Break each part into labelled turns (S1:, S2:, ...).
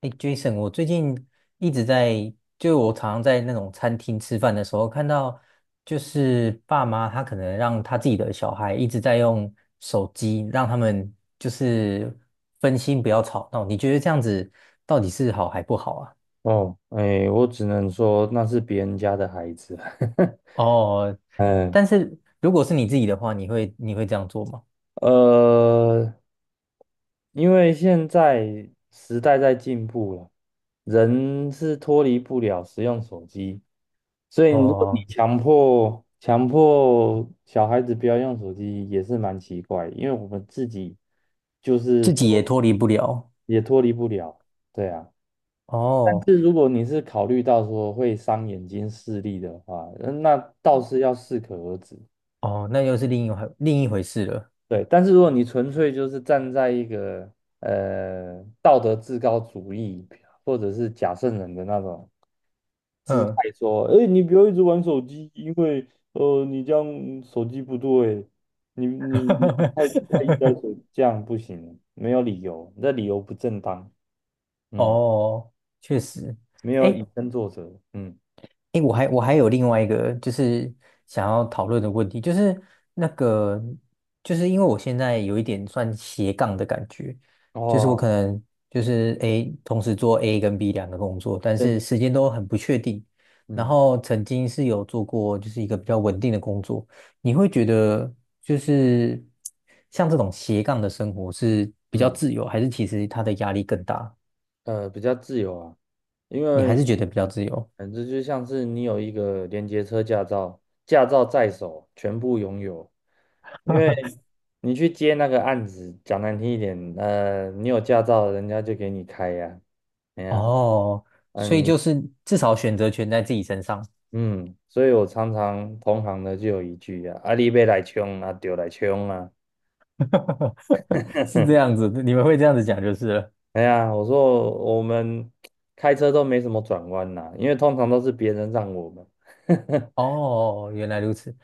S1: 哎，Jason，我最近一直在，就我常常在那种餐厅吃饭的时候，看到就是爸妈他可能让他自己的小孩一直在用手机，让他们就是分心不要吵闹。你觉得这样子到底是好还不好啊？
S2: 哦，哎，我只能说那是别人家的孩子。
S1: 哦，
S2: 嗯，
S1: 但是如果是你自己的话，你会这样做吗？
S2: 呃，因为现在时代在进步了，人是脱离不了使用手机，所以如果你
S1: 哦，
S2: 强迫小孩子不要用手机，也是蛮奇怪，因为我们自己就是
S1: 自己也脱离不了。
S2: 也脱离不了，对啊。但
S1: 哦
S2: 是如果你是考虑到说会伤眼睛视力的话，那倒是要适可而止。
S1: 哦，那又是另一回事了。
S2: 对，但是如果你纯粹就是站在一个道德至高主义或者是假圣人的那种姿态
S1: 嗯，
S2: 说，哎，你不要一直玩手机，因为你这样手机不对，你太太依赖 手机，这样不行，没有理由，你的理由不正当，嗯，
S1: 哦，确实，
S2: 没有以
S1: 哎
S2: 身作则，嗯，
S1: 哎，我还有另外一个就是想要讨论的问题，就是那个就是因为我现在有一点算斜杠的感觉，就是我可
S2: 哦，
S1: 能就是 A 同时做 A 跟 B 两个工作，但是
S2: 对，
S1: 时间都很不确定。然
S2: 嗯
S1: 后曾经是有做过就是一个比较稳定的工作，你会觉得就是像这种斜杠的生活是比较
S2: 嗯，
S1: 自由，还是其实它的压力更大？
S2: 比较自由啊，因
S1: 你还
S2: 为。
S1: 是觉得比较自由？
S2: 反正就像是你有一个连接车驾照，驾照在手，全部拥有。因 为你去接那个案子，讲难听一点，你有驾照，人家就给你开呀、哎呀，
S1: 哦，
S2: 嗯，
S1: 所以
S2: 你
S1: 就是至少选择权在自己身上。
S2: 嗯，所以我常常同行的就有一句啊，阿你别来冲啊，丢来冲啊。
S1: 是这样子，你们会这样子讲就是了。
S2: 哎呀，我说我们开车都没什么转弯啦、因为通常都是别人让我们。
S1: 哦，原来如此。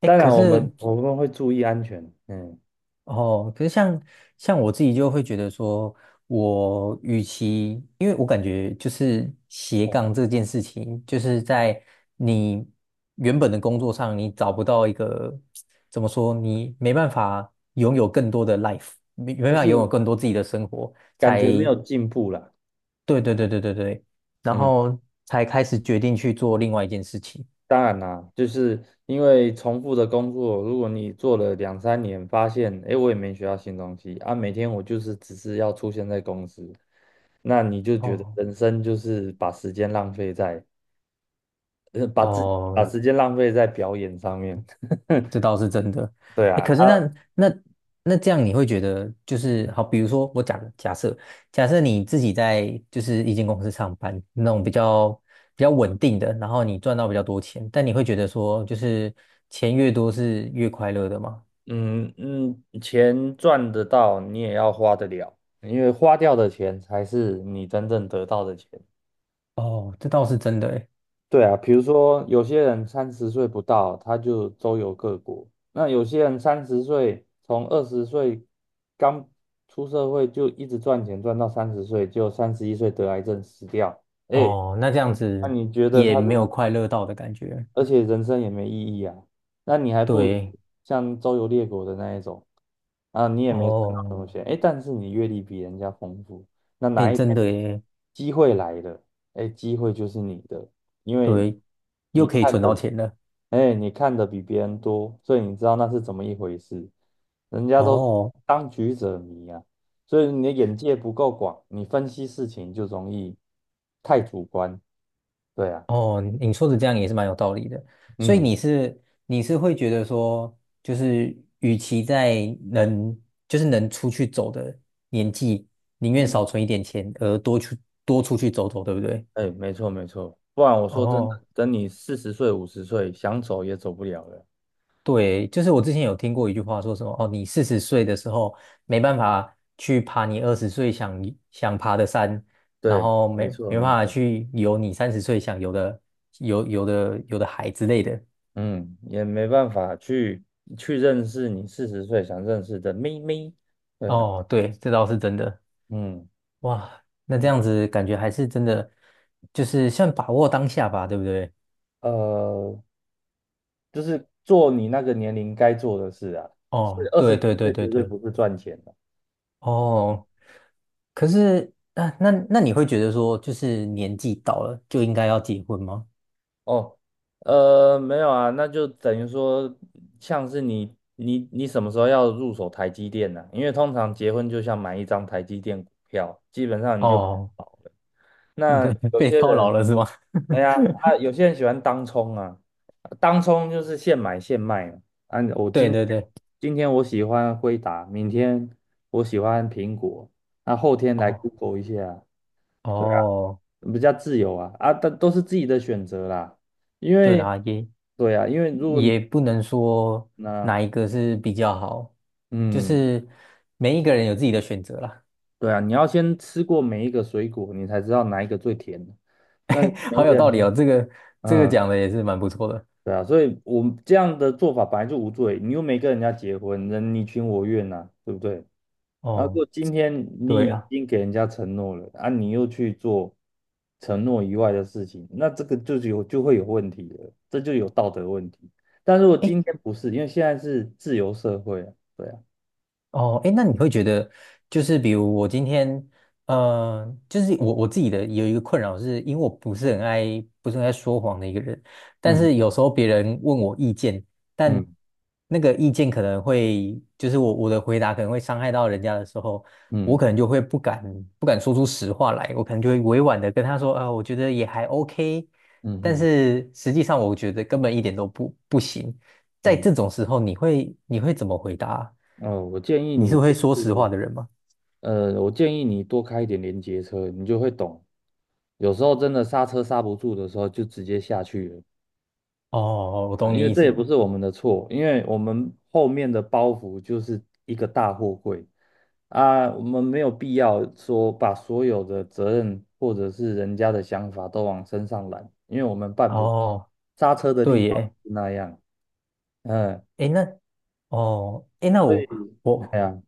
S1: 哎，
S2: 当
S1: 可
S2: 然，我们
S1: 是
S2: 我们会注意安全，嗯，
S1: 哦，可是像我自己就会觉得说，我与其，因为我感觉就是斜杠
S2: 嗯
S1: 这件事情，就是在你原本的工作上，你找不到一个怎么说，你没办法拥有更多的 life，没没办
S2: 就
S1: 法拥有
S2: 是
S1: 更多自己的生活，
S2: 感
S1: 才
S2: 觉没有进步啦。
S1: 对对对对对对，然
S2: 嗯，
S1: 后才开始决定去做另外一件事情。
S2: 当然啦，就是因为重复的工作，如果你做了两三年，发现诶，我也没学到新东西啊，每天我就是只是要出现在公司，那你就觉得
S1: 哦
S2: 人生就是把时间浪费在，
S1: 哦，
S2: 把时间浪费在表演上面。
S1: 这倒是真的。
S2: 对
S1: 哎，
S2: 啊，
S1: 可是
S2: 啊，
S1: 那那这样你会觉得就是好，比如说我假设你自己在就是一间公司上班那种比较稳定的，然后你赚到比较多钱，但你会觉得说就是钱越多是越快乐的吗？
S2: 嗯嗯，钱赚得到，你也要花得了，因为花掉的钱才是你真正得到的钱。
S1: 哦，这倒是真的诶。
S2: 对啊，比如说有些人三十岁不到，他就周游各国；那有些人三十岁，从20岁刚出社会就一直赚钱，赚到三十岁，就31岁得癌症死掉。哎，
S1: 哦，那这样
S2: 那
S1: 子
S2: 你觉得他
S1: 也
S2: 的
S1: 没有快乐到的感觉。
S2: 而且人生也没意义啊。那你还不如
S1: 对，
S2: 像周游列国的那一种啊，你也没存到什
S1: 哦。
S2: 么西，哎，但是你阅历比人家丰富，那
S1: 哎，
S2: 哪一天
S1: 真的耶，
S2: 机会来了，哎，机会就是你的，因为
S1: 对，又
S2: 你
S1: 可以
S2: 看
S1: 存
S2: 的，
S1: 到钱了。
S2: 哎，你看的比别人多，所以你知道那是怎么一回事。人家都
S1: 哦
S2: 当局者迷啊，所以你的眼界不够广，你分析事情就容易太主观。对啊，
S1: 哦，你说的这样也是蛮有道理的。所以
S2: 嗯。
S1: 你是会觉得说，就是与其能就是能出去走的年纪，宁愿少存一点钱，而多出去走走，对不对？
S2: 哎，没错没错，不然我说真的，
S1: 哦。
S2: 等你四十岁、50岁，想走也走不了了。
S1: 对，就是我之前有听过一句话，说什么哦，你四十岁的时候没办法去爬你二十岁想爬的山，然
S2: 对，
S1: 后没
S2: 没错
S1: 没办
S2: 没
S1: 法
S2: 错，
S1: 去游你三十岁想游的海之类的。
S2: 嗯，也没办法去去认识你四十岁想认识的妹妹。对啊，
S1: 哦，对，这倒是真的。
S2: 嗯
S1: 哇，那这
S2: 嗯，
S1: 样子感觉还是真的，就是算把握当下吧，对不对？
S2: 呃，就是做你那个年龄该做的事啊，所以
S1: 哦，
S2: 二十
S1: 对
S2: 几
S1: 对对
S2: 岁
S1: 对
S2: 绝对
S1: 对，
S2: 不是赚钱的。
S1: 哦，可是那你会觉得说，就是年纪到了就应该要结婚吗？
S2: 哦，没有啊，那就等于说，像是你什么时候要入手台积电呢、因为通常结婚就像买一张台积电股票，基本上你就
S1: 哦。
S2: 保了。那
S1: 对，
S2: 有
S1: 被
S2: 些
S1: 套牢
S2: 人，
S1: 了是吗？
S2: 哎呀 啊，有些人喜欢当冲啊，当冲就是现买现卖嘛。啊，
S1: 对对对，
S2: 今天我喜欢辉达，明天我喜欢苹果，那后天来
S1: 哦
S2: Google 一下，
S1: 哦，
S2: 比较自由啊啊，但都是自己的选择啦。因
S1: 对
S2: 为，
S1: 啦，也
S2: 对啊，因为如果
S1: 也不能说
S2: 那
S1: 哪一个是比较好，就
S2: 嗯，
S1: 是每一个人有自己的选择啦。
S2: 对啊，你要先吃过每一个水果，你才知道哪一个最甜。那 每
S1: 好
S2: 一
S1: 有
S2: 个
S1: 道理哦，
S2: 人，
S1: 这个
S2: 嗯，
S1: 讲的也是蛮不错的。
S2: 对啊，所以我们这样的做法本来就无罪，你又没跟人家结婚，人你情我愿呐、对不对？啊，如
S1: 哦，
S2: 果今天你
S1: 对
S2: 已
S1: 啊，
S2: 经给人家承诺了，啊，你又去做承诺以外的事情，那这个就有就会有问题了，这就有道德问题。但如果
S1: 哎
S2: 今天不是，因为现在是自由社会啊，对啊，
S1: 哦，哎，那你会觉得，就是比如我今天，就是我自己的有一个困扰是，因为我不是很爱，说谎的一个人，但
S2: 嗯
S1: 是有时候别人问我意见，但
S2: 嗯
S1: 那个意见可能会，就是我的回答可能会伤害到人家的时候，我
S2: 嗯
S1: 可能就会不敢说出实话来，我可能就会委婉的跟他说，啊、我觉得也还 OK，
S2: 嗯
S1: 但
S2: 嗯
S1: 是实际上我觉得根本一点都不行，在
S2: 嗯，
S1: 这种时候，你会怎么回答啊
S2: 哦，我建议
S1: 你是
S2: 你
S1: 会
S2: 就
S1: 说实话
S2: 是，
S1: 的人吗？
S2: 我建议你多开一点连接车，你就会懂，有时候真的刹车刹不住的时候，就直接下去了。
S1: 哦，我懂
S2: 因
S1: 你
S2: 为
S1: 意
S2: 这也不
S1: 思。
S2: 是我们的错，因为我们后面的包袱就是一个大货柜啊，我们没有必要说把所有的责任或者是人家的想法都往身上揽，因为我们办不，
S1: 哦，
S2: 刹车的
S1: 对
S2: 力道
S1: 耶。
S2: 是那样，嗯，
S1: 诶，那，哦，诶，那
S2: 所以，哎
S1: 我
S2: 呀，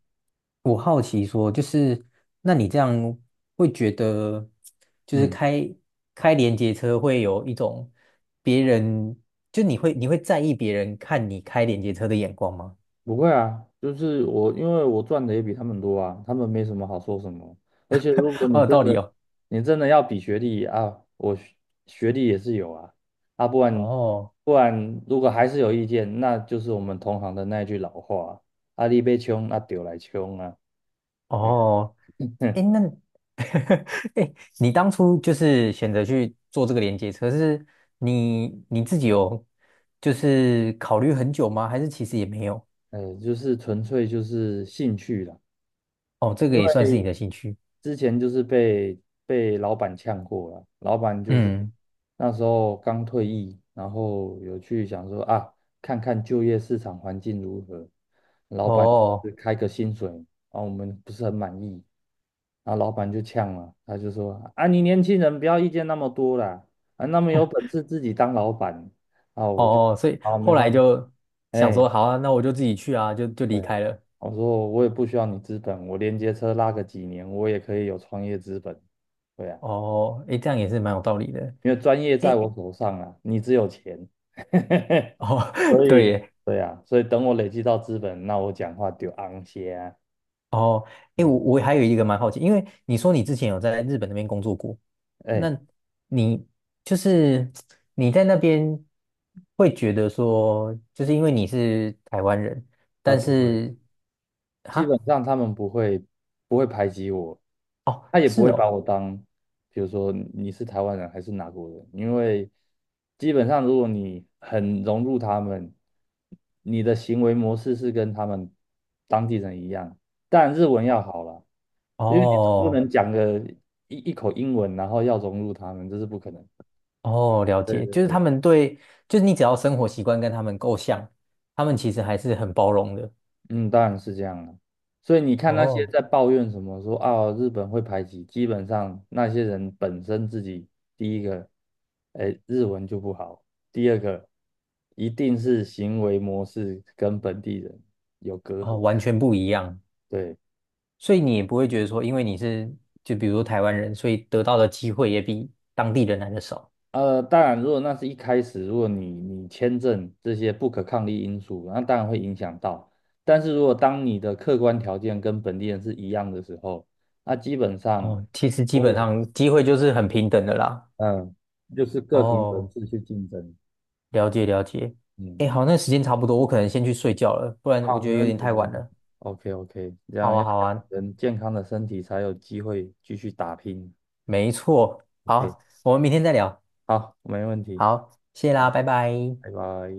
S1: 我好奇说，就是那你这样会觉得，就是
S2: 嗯。
S1: 开连接车会有一种别人，就你会在意别人看你开连接车的眼光吗？
S2: 不会啊，就是我，因为我赚的也比他们多啊，他们没什么好说什么。而且如果
S1: 好
S2: 你
S1: 有
S2: 真
S1: 道理
S2: 的，
S1: 哦。
S2: 你真的要比学历啊，学历也是有啊，啊，不然
S1: 哦
S2: 不然如果还是有意见，那就是我们同行的那一句老话啊，阿力被穷，啊，丢来穷啊，哎，
S1: 哦，诶，那 哎，你当初就是选择去做这个连接车，是你自己有就是考虑很久吗？还是其实也没有？
S2: 就是纯粹就是兴趣啦。
S1: 哦，这个
S2: 因
S1: 也算是你
S2: 为
S1: 的兴趣。
S2: 之前就是被老板呛过了，老板就是
S1: 嗯，
S2: 那时候刚退役，然后有去想说啊，看看就业市场环境如何，老板
S1: 哦
S2: 就是开个薪水，啊，我们不是很满意，然后老板就呛了，他就说啊，你年轻人不要意见那么多啦，啊，那么有本事自己当老板，啊，我就
S1: 哦，所以
S2: 好，没
S1: 后来
S2: 关系，
S1: 就想
S2: 哎、
S1: 说，好啊，那我就自己去啊，就就离
S2: 对啊，
S1: 开了。
S2: 我说我也不需要你资本，我连接车拉个几年，我也可以有创业资本。对啊，
S1: 哦，哎，这样也是蛮有道理的。
S2: 因为专业在
S1: 哎，
S2: 我手上啊，你只有钱，
S1: 哦，
S2: 所
S1: 对
S2: 以
S1: 耶
S2: 对啊，所以等我累积到资本，那我讲话就昂些啊。
S1: 哦，诶，我
S2: 嗯，
S1: 我还有一个蛮好奇，因为你说你之前有在日本那边工作过，那
S2: 哎，
S1: 你就是你在那边会觉得说，就是因为你是台湾人，
S2: 那
S1: 但
S2: 不会。
S1: 是
S2: 基本
S1: 哈，
S2: 上他们不会排挤我，
S1: 哦，
S2: 他也不
S1: 是
S2: 会把
S1: 哦，
S2: 我当，比如说你是台湾人还是哪国人，因为基本上如果你很融入他们，你的行为模式是跟他们当地人一样，但日文要好了，因为你总不
S1: 哦
S2: 能讲个一口英文，然后要融入他们，这是不可能。
S1: 哦，了解，就是
S2: 对
S1: 他们对，就是你只要生活习惯跟他们够像，他们其实还是很包容的，
S2: 嗯，当然是这样了。所以你看那些
S1: 哦
S2: 在抱怨什么说啊日本会排挤，基本上那些人本身自己第一个，哎，日文就不好，第二个一定是行为模式跟本地人有隔
S1: 哦，
S2: 阂。
S1: 完全不一样。
S2: 对，
S1: 所以你也不会觉得说，因为你是就比如说台湾人，所以得到的机会也比当地人来的少。
S2: 当然如果那是一开始，如果你签证这些不可抗力因素，那当然会影响到。但是如果当你的客观条件跟本地人是一样的时候，那基本上。
S1: 哦，其实基本
S2: 有。
S1: 上机会就是很平等的啦。
S2: 嗯，就是各凭本
S1: 哦，
S2: 事去竞争。
S1: 了解了解。
S2: 嗯
S1: 哎，好，那时间差不多，我可能先去睡觉了，不然我
S2: 好，
S1: 觉
S2: 没
S1: 得有
S2: 问
S1: 点
S2: 题，没
S1: 太晚
S2: 问题。
S1: 了。
S2: ，OK OK，这
S1: 好
S2: 样
S1: 啊，
S2: 要
S1: 好
S2: 养
S1: 啊，
S2: 成健康的身体，才有机会继续打拼。
S1: 没错。
S2: OK，
S1: 好，我们明天再聊。
S2: 好，没问题。
S1: 好，谢啦，
S2: 好，
S1: 拜拜。
S2: 拜拜。